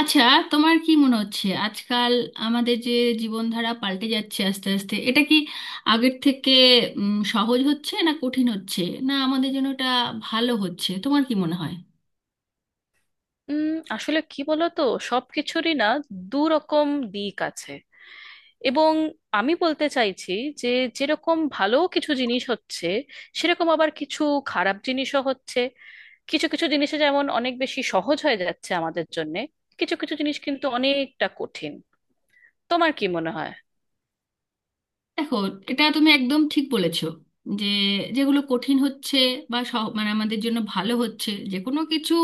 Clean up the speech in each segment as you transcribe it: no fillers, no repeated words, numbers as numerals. আচ্ছা, তোমার কি মনে হচ্ছে আজকাল আমাদের যে জীবনধারা পাল্টে যাচ্ছে আস্তে আস্তে, এটা কি আগের থেকে সহজ হচ্ছে না কঠিন হচ্ছে, না আমাদের জন্য এটা ভালো হচ্ছে? তোমার কি মনে হয়? উম, আসলে কি বলতো, সবকিছুরই না দু রকম দিক আছে। এবং আমি বলতে চাইছি যে যেরকম ভালো কিছু জিনিস হচ্ছে, সেরকম আবার কিছু খারাপ জিনিসও হচ্ছে। কিছু কিছু জিনিসে যেমন অনেক বেশি সহজ হয়ে যাচ্ছে আমাদের জন্যে, কিছু কিছু জিনিস কিন্তু অনেকটা কঠিন। তোমার কি মনে হয়? দেখো, এটা তুমি একদম ঠিক বলেছো, যে যেগুলো কঠিন হচ্ছে বা মানে আমাদের জন্য ভালো হচ্ছে, যে কোনো কিছু,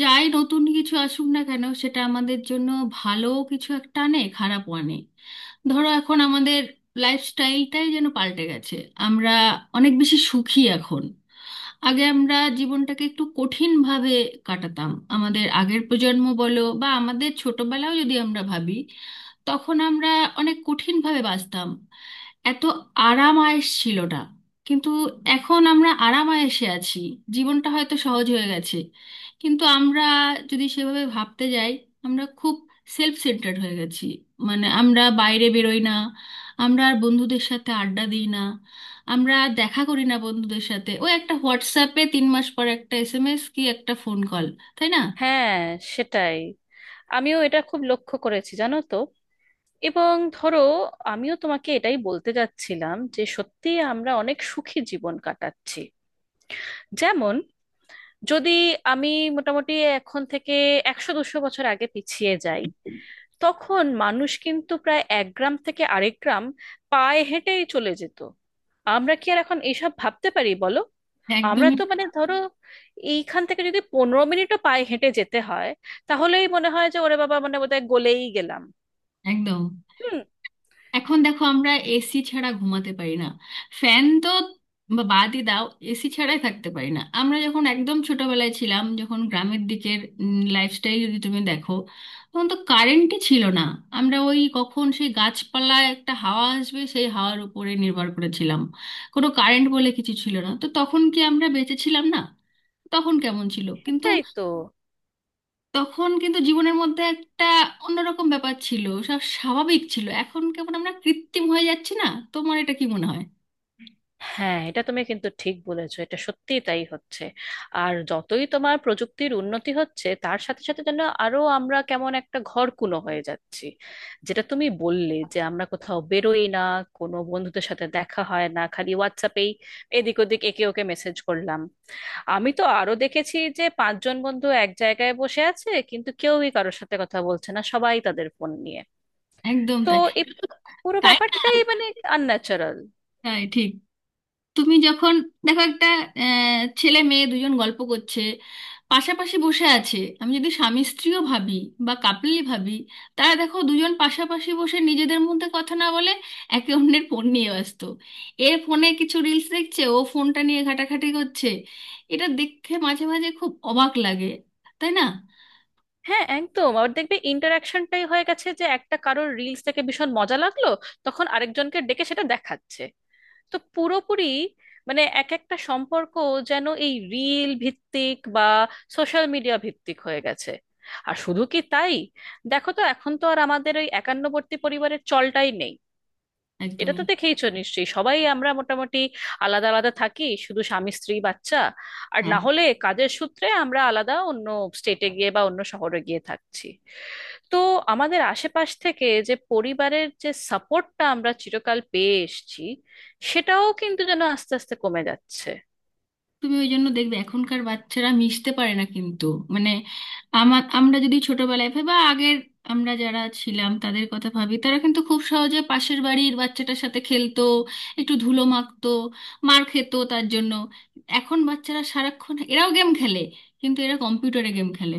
যাই নতুন কিছু আসুক না কেন সেটা আমাদের জন্য ভালো কিছু একটা আনে, খারাপ আনে। ধরো এখন আমাদের লাইফস্টাইলটাই যেন পাল্টে গেছে। আমরা অনেক বেশি সুখী এখন। আগে আমরা জীবনটাকে একটু কঠিন ভাবে কাটাতাম, আমাদের আগের প্রজন্ম বলো বা আমাদের ছোটবেলাও যদি আমরা ভাবি, তখন আমরা অনেক কঠিন ভাবে বাঁচতাম। এত আরাম আয়েশ ছিল না, কিন্তু এখন আমরা আরাম আয়েশে আছি। জীবনটা হয়তো সহজ হয়ে গেছে, কিন্তু আমরা যদি সেভাবে ভাবতে যাই, আমরা খুব সেলফ সেন্টার্ড হয়ে গেছি। মানে আমরা বাইরে বেরোই না, আমরা আর বন্ধুদের সাথে আড্ডা দিই না, আমরা দেখা করি না বন্ধুদের সাথে, ওই একটা হোয়াটসঅ্যাপে তিন মাস পর একটা এসএমএস কি একটা ফোন কল। তাই না? হ্যাঁ, সেটাই। আমিও এটা খুব লক্ষ্য করেছি জানো তো। এবং ধরো, আমিও তোমাকে এটাই বলতে যাচ্ছিলাম যে সত্যি আমরা অনেক সুখী জীবন কাটাচ্ছি। যেমন, যদি আমি মোটামুটি এখন থেকে 100-200 বছর আগে পিছিয়ে যাই, তখন মানুষ কিন্তু প্রায় এক গ্রাম থেকে আরেক গ্রাম পায়ে হেঁটেই চলে যেত। আমরা কি আর এখন এইসব ভাবতে পারি বলো? আমরা একদমই। তো মানে ধরো এইখান থেকে যদি 15 মিনিটও পায়ে হেঁটে যেতে হয়, তাহলেই মনে হয় যে ওরে বাবা মানে বোধহয় গলেই গেলাম। একদম। হুম। এখন দেখো আমরা এসি ছাড়া ঘুমাতে পারি না, ফ্যান তো বা বাদই দাও, এসি ছাড়াই থাকতে পারি না আমরা। যখন একদম ছোটবেলায় ছিলাম, যখন গ্রামের দিকের লাইফস্টাইল যদি তুমি দেখো, তখন তো কারেন্টই ছিল না। আমরা ওই কখন সেই গাছপালায় একটা হাওয়া আসবে সেই হাওয়ার উপরে নির্ভর করেছিলাম। কোনো কারেন্ট বলে কিছু ছিল না, তো তখন কি আমরা বেঁচে ছিলাম না? তখন কেমন ছিল কিন্তু। এটাই তো। তখন কিন্তু জীবনের মধ্যে একটা অন্যরকম ব্যাপার ছিল, সব স্বাভাবিক ছিল। এখন কেমন আমরা কৃত্রিম হয়ে যাচ্ছি না, তোমার এটা কি মনে হয়? হ্যাঁ, এটা তুমি কিন্তু ঠিক বলেছো, এটা সত্যিই তাই হচ্ছে। আর যতই তোমার প্রযুক্তির উন্নতি হচ্ছে, তার সাথে সাথে যেন আরো আমরা কেমন একটা ঘরকুনো হয়ে যাচ্ছি। যেটা তুমি বললে যে আমরা কোথাও বেরোই না, কোনো বন্ধুদের সাথে দেখা হয় না, খালি হোয়াটসঅ্যাপেই এদিক ওদিক একে ওকে মেসেজ করলাম। আমি তো আরো দেখেছি যে পাঁচজন বন্ধু এক জায়গায় বসে আছে কিন্তু কেউই কারোর সাথে কথা বলছে না, সবাই তাদের ফোন নিয়ে। একদম তো তাই। এই পুরো তাই না? ব্যাপারটাই মানে আনন্যাচারাল। তাই ঠিক। তুমি যখন দেখো একটা ছেলে মেয়ে দুজন গল্প করছে, পাশাপাশি বসে আছে, আমি যদি স্বামী স্ত্রীও ভাবি বা কাপলি ভাবি, তারা দেখো দুজন পাশাপাশি বসে নিজেদের মধ্যে কথা না বলে একে অন্যের ফোন নিয়ে ব্যস্ত। এ ফোনে কিছু রিলস দেখছে, ও ফোনটা নিয়ে ঘাটাঘাটি করছে। এটা দেখে মাঝে মাঝে খুব অবাক লাগে। তাই না? হ্যাঁ একদম। আবার দেখবে ইন্টারাকশনটাই হয়ে গেছে যে একটা কারোর রিলস দেখে ভীষণ মজা লাগলো, তখন আরেকজনকে ডেকে সেটা দেখাচ্ছে। তো পুরোপুরি মানে এক একটা সম্পর্ক যেন এই রিল ভিত্তিক বা সোশ্যাল মিডিয়া ভিত্তিক হয়ে গেছে। আর শুধু কি তাই, দেখো তো, এখন তো আর আমাদের ওই একান্নবর্তী পরিবারের চলটাই নেই। এটা একদমই। তো দেখেইছো নিশ্চয়ই, সবাই আমরা মোটামুটি আলাদা আলাদা থাকি, শুধু স্বামী স্ত্রী বাচ্চা। আর না হলে কাজের সূত্রে আমরা আলাদা অন্য স্টেটে গিয়ে বা অন্য শহরে গিয়ে থাকছি। তো আমাদের আশেপাশ থেকে যে পরিবারের যে সাপোর্টটা আমরা চিরকাল পেয়ে এসেছি, সেটাও কিন্তু যেন আস্তে আস্তে কমে যাচ্ছে। তুমি ওই জন্য দেখবে এখনকার বাচ্চারা মিশতে পারে না কিন্তু। মানে আমার, আমরা যদি ছোটবেলায় ভাবি বা আগের আমরা যারা ছিলাম তাদের কথা ভাবি, তারা কিন্তু খুব সহজে পাশের বাড়ির বাচ্চাটার সাথে খেলতো, একটু ধুলো মাখতো, মার খেত তার জন্য। এখন বাচ্চারা সারাক্ষণ এরাও গেম খেলে, কিন্তু এরা কম্পিউটারে গেম খেলে।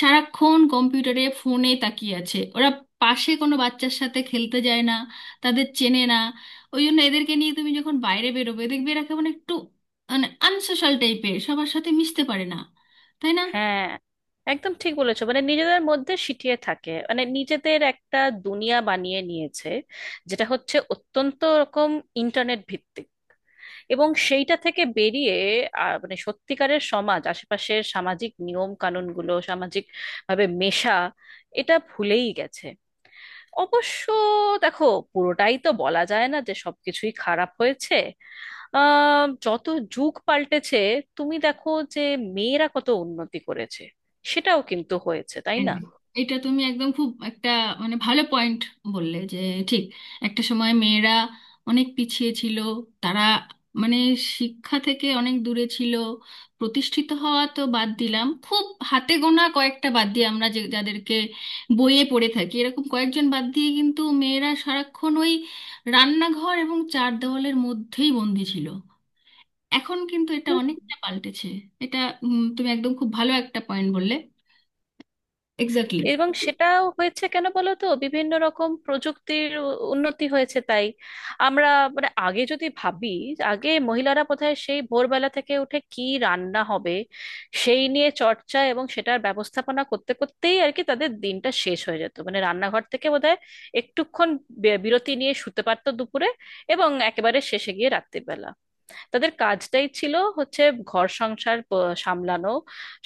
সারাক্ষণ কম্পিউটারে ফোনে তাকিয়ে আছে ওরা, পাশে কোনো বাচ্চার সাথে খেলতে যায় না, তাদের চেনে না। ওই জন্য এদেরকে নিয়ে তুমি যখন বাইরে বেরোবে দেখবে এরা মানে আনসোশাল টাইপের, সবার সাথে মিশতে পারে না। তাই না? হ্যাঁ, একদম ঠিক বলেছো। মানে নিজেদের মধ্যে সিটিয়ে থাকে, মানে নিজেদের একটা দুনিয়া বানিয়ে নিয়েছে, যেটা হচ্ছে অত্যন্ত রকম ইন্টারনেট ভিত্তিক। এবং সেইটা থেকে বেরিয়ে মানে সত্যিকারের সমাজ, আশেপাশের সামাজিক নিয়ম কানুনগুলো, সামাজিক ভাবে মেশা, এটা ভুলেই গেছে। অবশ্য দেখো পুরোটাই তো বলা যায় না যে সবকিছুই খারাপ হয়েছে। যত যুগ পাল্টেছে, তুমি দেখো যে মেয়েরা কত উন্নতি করেছে, সেটাও কিন্তু হয়েছে, তাই এন- না? এটা তুমি একদম খুব একটা মানে ভালো পয়েন্ট বললে, যে ঠিক, একটা সময় মেয়েরা অনেক পিছিয়ে ছিল। তারা মানে শিক্ষা থেকে অনেক দূরে ছিল, প্রতিষ্ঠিত হওয়া তো বাদ দিলাম। খুব হাতে গোনা কয়েকটা বাদ দিয়ে, আমরা যে যাদেরকে বইয়ে পড়ে থাকি এরকম কয়েকজন বাদ দিয়ে, কিন্তু মেয়েরা সারাক্ষণ ওই রান্নাঘর এবং চার দেওয়ালের মধ্যেই বন্দি ছিল। এখন কিন্তু এটা অনেকটা পাল্টেছে। এটা তুমি একদম খুব ভালো একটা পয়েন্ট বললে। এক্স্যাক্টলি। এবং সেটাও হয়েছে কেন বলো তো, বিভিন্ন রকম প্রযুক্তির উন্নতি হয়েছে তাই। আমরা মানে আগে যদি ভাবি, আগে মহিলারা বোধহয় সেই ভোরবেলা থেকে উঠে কি রান্না হবে সেই নিয়ে চর্চা এবং সেটার ব্যবস্থাপনা করতে করতেই আর কি তাদের দিনটা শেষ হয়ে যেত। মানে রান্নাঘর থেকে বোধহয় একটুক্ষণ বিরতি নিয়ে শুতে পারতো দুপুরে, এবং একেবারে শেষে গিয়ে রাত্রিবেলা। তাদের কাজটাই ছিল হচ্ছে ঘর সংসার সামলানো,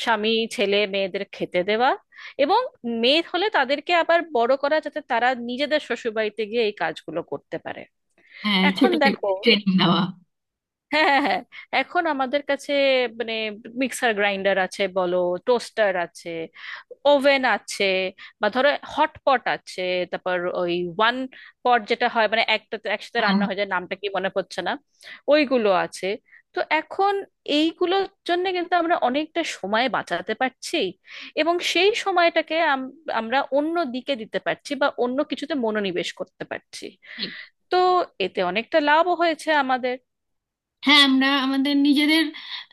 স্বামী ছেলে মেয়েদের খেতে দেওয়া, এবং মেয়ে হলে তাদেরকে আবার বড় করা যাতে তারা নিজেদের শ্বশুরবাড়িতে গিয়ে এই কাজগুলো করতে পারে। হ্যাঁ, এখন ছোট দেখো, থেকে ট্রেনিং দেওয়া। হ্যাঁ হ্যাঁ হ্যাঁ, এখন আমাদের কাছে মানে মিক্সার গ্রাইন্ডার আছে বলো, টোস্টার আছে, ওভেন আছে, বা ধরো হটপট আছে, তারপর ওই ওয়ান পট যেটা হয় মানে একটা একসাথে হ্যাঁ, রান্না হয়ে যায়, নামটা কি মনে পড়ছে না, ওইগুলো আছে। তো এখন এইগুলোর জন্য কিন্তু আমরা অনেকটা সময় বাঁচাতে পারছি, এবং সেই সময়টাকে আমরা অন্য দিকে দিতে পারছি বা অন্য কিছুতে মনোনিবেশ করতে পারছি। তো এতে অনেকটা লাভও হয়েছে আমাদের। হ্যাঁ। আমরা আমাদের নিজেদের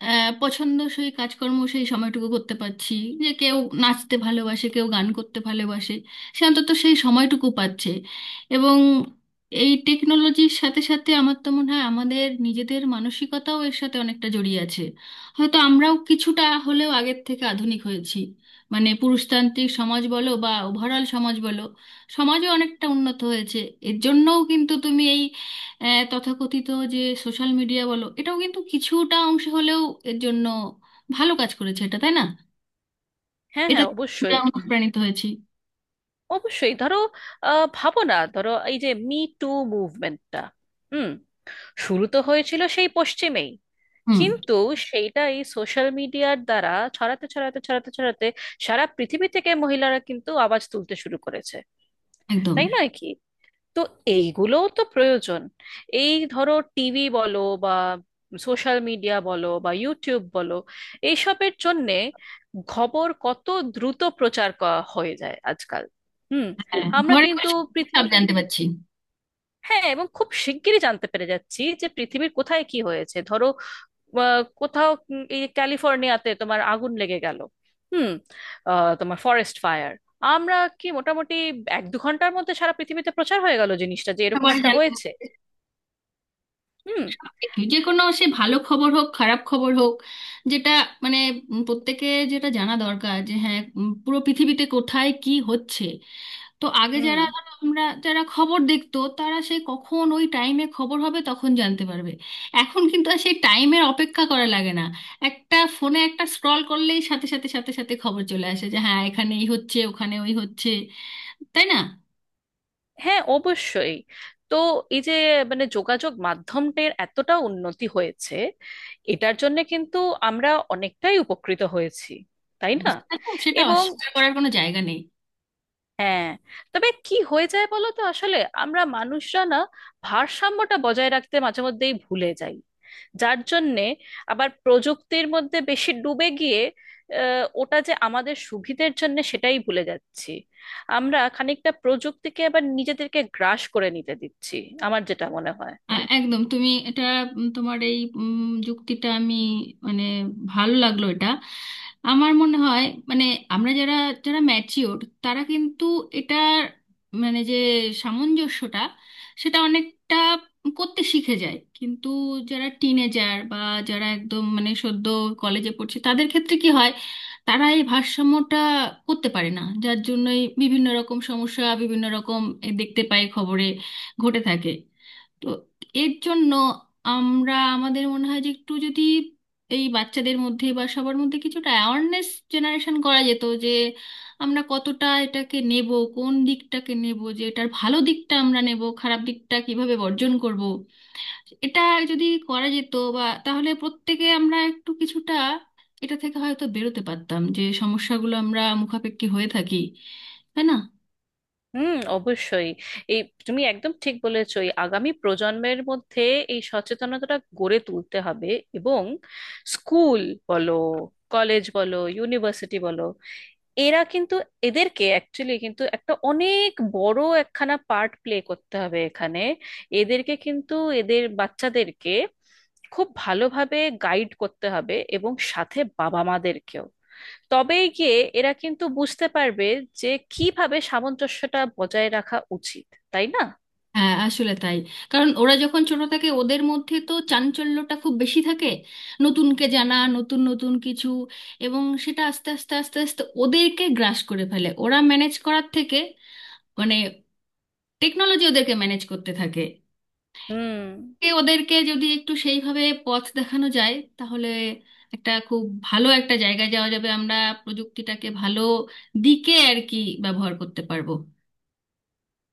পছন্দসই কাজকর্ম সেই সময়টুকু করতে পারছি। যে কেউ নাচতে ভালোবাসে, কেউ গান করতে ভালোবাসে, সে অন্তত সেই সময়টুকু পাচ্ছে। এবং এই টেকনোলজির সাথে সাথে আমার তো মনে হয় আমাদের নিজেদের মানসিকতাও এর সাথে অনেকটা জড়িয়ে আছে। হয়তো আমরাও কিছুটা হলেও আগের থেকে আধুনিক হয়েছি। মানে পুরুষতান্ত্রিক সমাজ বলো বা ওভারঅল সমাজ বলো, সমাজও অনেকটা উন্নত হয়েছে। এর জন্যও কিন্তু তুমি এই তথাকথিত যে সোশ্যাল মিডিয়া বলো, এটাও কিন্তু কিছুটা অংশে হলেও এর জন্য ভালো কাজ করেছে। এটা, তাই না? হ্যাঁ এটা হ্যাঁ এটা অবশ্যই। আমরা অনুপ্রাণিত হয়েছি। অবশ্যই ধরো, ভাবো না ধরো, এই যে মি টু মুভমেন্টটা, হুম, শুরু তো হয়েছিল সেই পশ্চিমেই, হুম। কিন্তু সেইটা এই সোশ্যাল মিডিয়ার দ্বারা ছড়াতে ছড়াতে ছড়াতে ছড়াতে সারা পৃথিবী থেকে মহিলারা কিন্তু আওয়াজ তুলতে শুরু করেছে। একদম। তাই নয় কি? তো এইগুলোও তো প্রয়োজন। এই ধরো টিভি বলো, বা সোশ্যাল মিডিয়া বলো, বা ইউটিউব বলো, এইসবের জন্যে খবর কত দ্রুত প্রচার করা হয়ে যায় আজকাল। হুম। হ্যাঁ, আমরা ঘরে কিন্তু ঘরে সব পৃথিবী, জানতে পারছি। হ্যাঁ, এবং খুব শিগগিরই জানতে পেরে যাচ্ছি যে পৃথিবীর কোথায় কি হয়েছে, ধরো। বা কোথাও এই ক্যালিফোর্নিয়াতে তোমার আগুন লেগে গেল, হুম, তোমার ফরেস্ট ফায়ার, আমরা কি মোটামুটি 1-2 ঘন্টার মধ্যে সারা পৃথিবীতে প্রচার হয়ে গেল জিনিসটা যে এরকম সবাই একটা জানতে হয়েছে। পারছি হুম। সবকিছু, যে কোনো, সে ভালো খবর হোক খারাপ খবর হোক, যেটা মানে প্রত্যেকে যেটা জানা দরকার, যে হ্যাঁ পুরো পৃথিবীতে কোথায় কি হচ্ছে। তো আগে হুম। যারা ধরো আমরা যারা খবর দেখতো, তারা সেই কখন ওই টাইমে খবর হবে তখন জানতে পারবে। এখন কিন্তু আর সেই টাইমের অপেক্ষা করা লাগে না। একটা ফোনে একটা স্ক্রল করলেই সাথে সাথে খবর চলে আসে যে হ্যাঁ এখানে এই হচ্ছে, ওখানে ওই হচ্ছে। তাই না? হ্যাঁ অবশ্যই। তো এই যে মানে যোগাযোগ মাধ্যমটির এতটা উন্নতি হয়েছে, এটার জন্য কিন্তু আমরা অনেকটাই উপকৃত হয়েছি, তাই না? সেটা সেটা এবং, অস্বীকার করার কোনো জায়গা নেই। হ্যাঁ, তবে কি হয়ে যায় বলো তো আসলে, আমরা মানুষরা না ভারসাম্যটা বজায় রাখতে মাঝে মধ্যেই ভুলে যাই। যার জন্যে আবার প্রযুক্তির মধ্যে বেশি ডুবে গিয়ে ওটা যে আমাদের সুবিধের জন্য সেটাই ভুলে যাচ্ছি। আমরা খানিকটা প্রযুক্তিকে আবার নিজেদেরকে গ্রাস করে নিতে দিচ্ছি, আমার যেটা মনে হয়। একদম, তুমি এটা তোমার এই যুক্তিটা আমি মানে ভালো লাগলো এটা। আমার মনে হয় মানে আমরা যারা যারা ম্যাচিওর তারা কিন্তু এটা মানে যে সামঞ্জস্যটা সেটা অনেকটা করতে শিখে যায় কিন্তু, যারা টিনেজার বা যারা একদম মানে সদ্য কলেজে পড়ছে তাদের ক্ষেত্রে কি হয়, তারা এই ভারসাম্যটা করতে পারে না, যার জন্যই বিভিন্ন রকম সমস্যা, বিভিন্ন রকম, এ দেখতে পাই খবরে ঘটে থাকে। তো এর জন্য আমরা, আমাদের মনে হয় যে একটু যদি এই বাচ্চাদের মধ্যে বা সবার মধ্যে কিছুটা অ্যাওয়ারনেস জেনারেশন করা যেত, যে আমরা কতটা এটাকে নেব, কোন দিকটাকে নেব, যে এটার ভালো দিকটা আমরা নেব, খারাপ দিকটা কিভাবে বর্জন করব। এটা যদি করা যেত বা, তাহলে প্রত্যেকে আমরা একটু কিছুটা এটা থেকে হয়তো বেরোতে পারতাম, যে সমস্যাগুলো আমরা মুখাপেক্ষি হয়ে থাকি। তাই না? হুম, অবশ্যই। এই, তুমি একদম ঠিক বলেছো, এই আগামী প্রজন্মের মধ্যে এই সচেতনতাটা গড়ে তুলতে হবে। এবং স্কুল বলো, কলেজ বলো, ইউনিভার্সিটি বলো, এরা কিন্তু, এদেরকে অ্যাকচুয়ালি কিন্তু একটা অনেক বড় একখানা পার্ট প্লে করতে হবে এখানে। এদেরকে কিন্তু, এদের বাচ্চাদেরকে খুব ভালোভাবে গাইড করতে হবে, এবং সাথে বাবা মাদেরকেও। তবেই গিয়ে এরা কিন্তু বুঝতে পারবে যে কিভাবে সামঞ্জস্যটা বজায় রাখা উচিত, তাই না? হ্যাঁ, আসলে তাই। কারণ ওরা যখন ছোট থাকে, ওদের মধ্যে তো চাঞ্চল্যটা খুব বেশি থাকে, নতুনকে জানা, নতুন নতুন কিছু, এবং সেটা আস্তে আস্তে ওদেরকে গ্রাস করে ফেলে। ওরা ম্যানেজ করার থেকে মানে টেকনোলজি ওদেরকে ম্যানেজ করতে থাকে। হুম। এ ওদেরকে যদি একটু সেইভাবে পথ দেখানো যায় তাহলে একটা খুব ভালো একটা জায়গায় যাওয়া যাবে, আমরা প্রযুক্তিটাকে ভালো দিকে আর কি ব্যবহার করতে পারবো।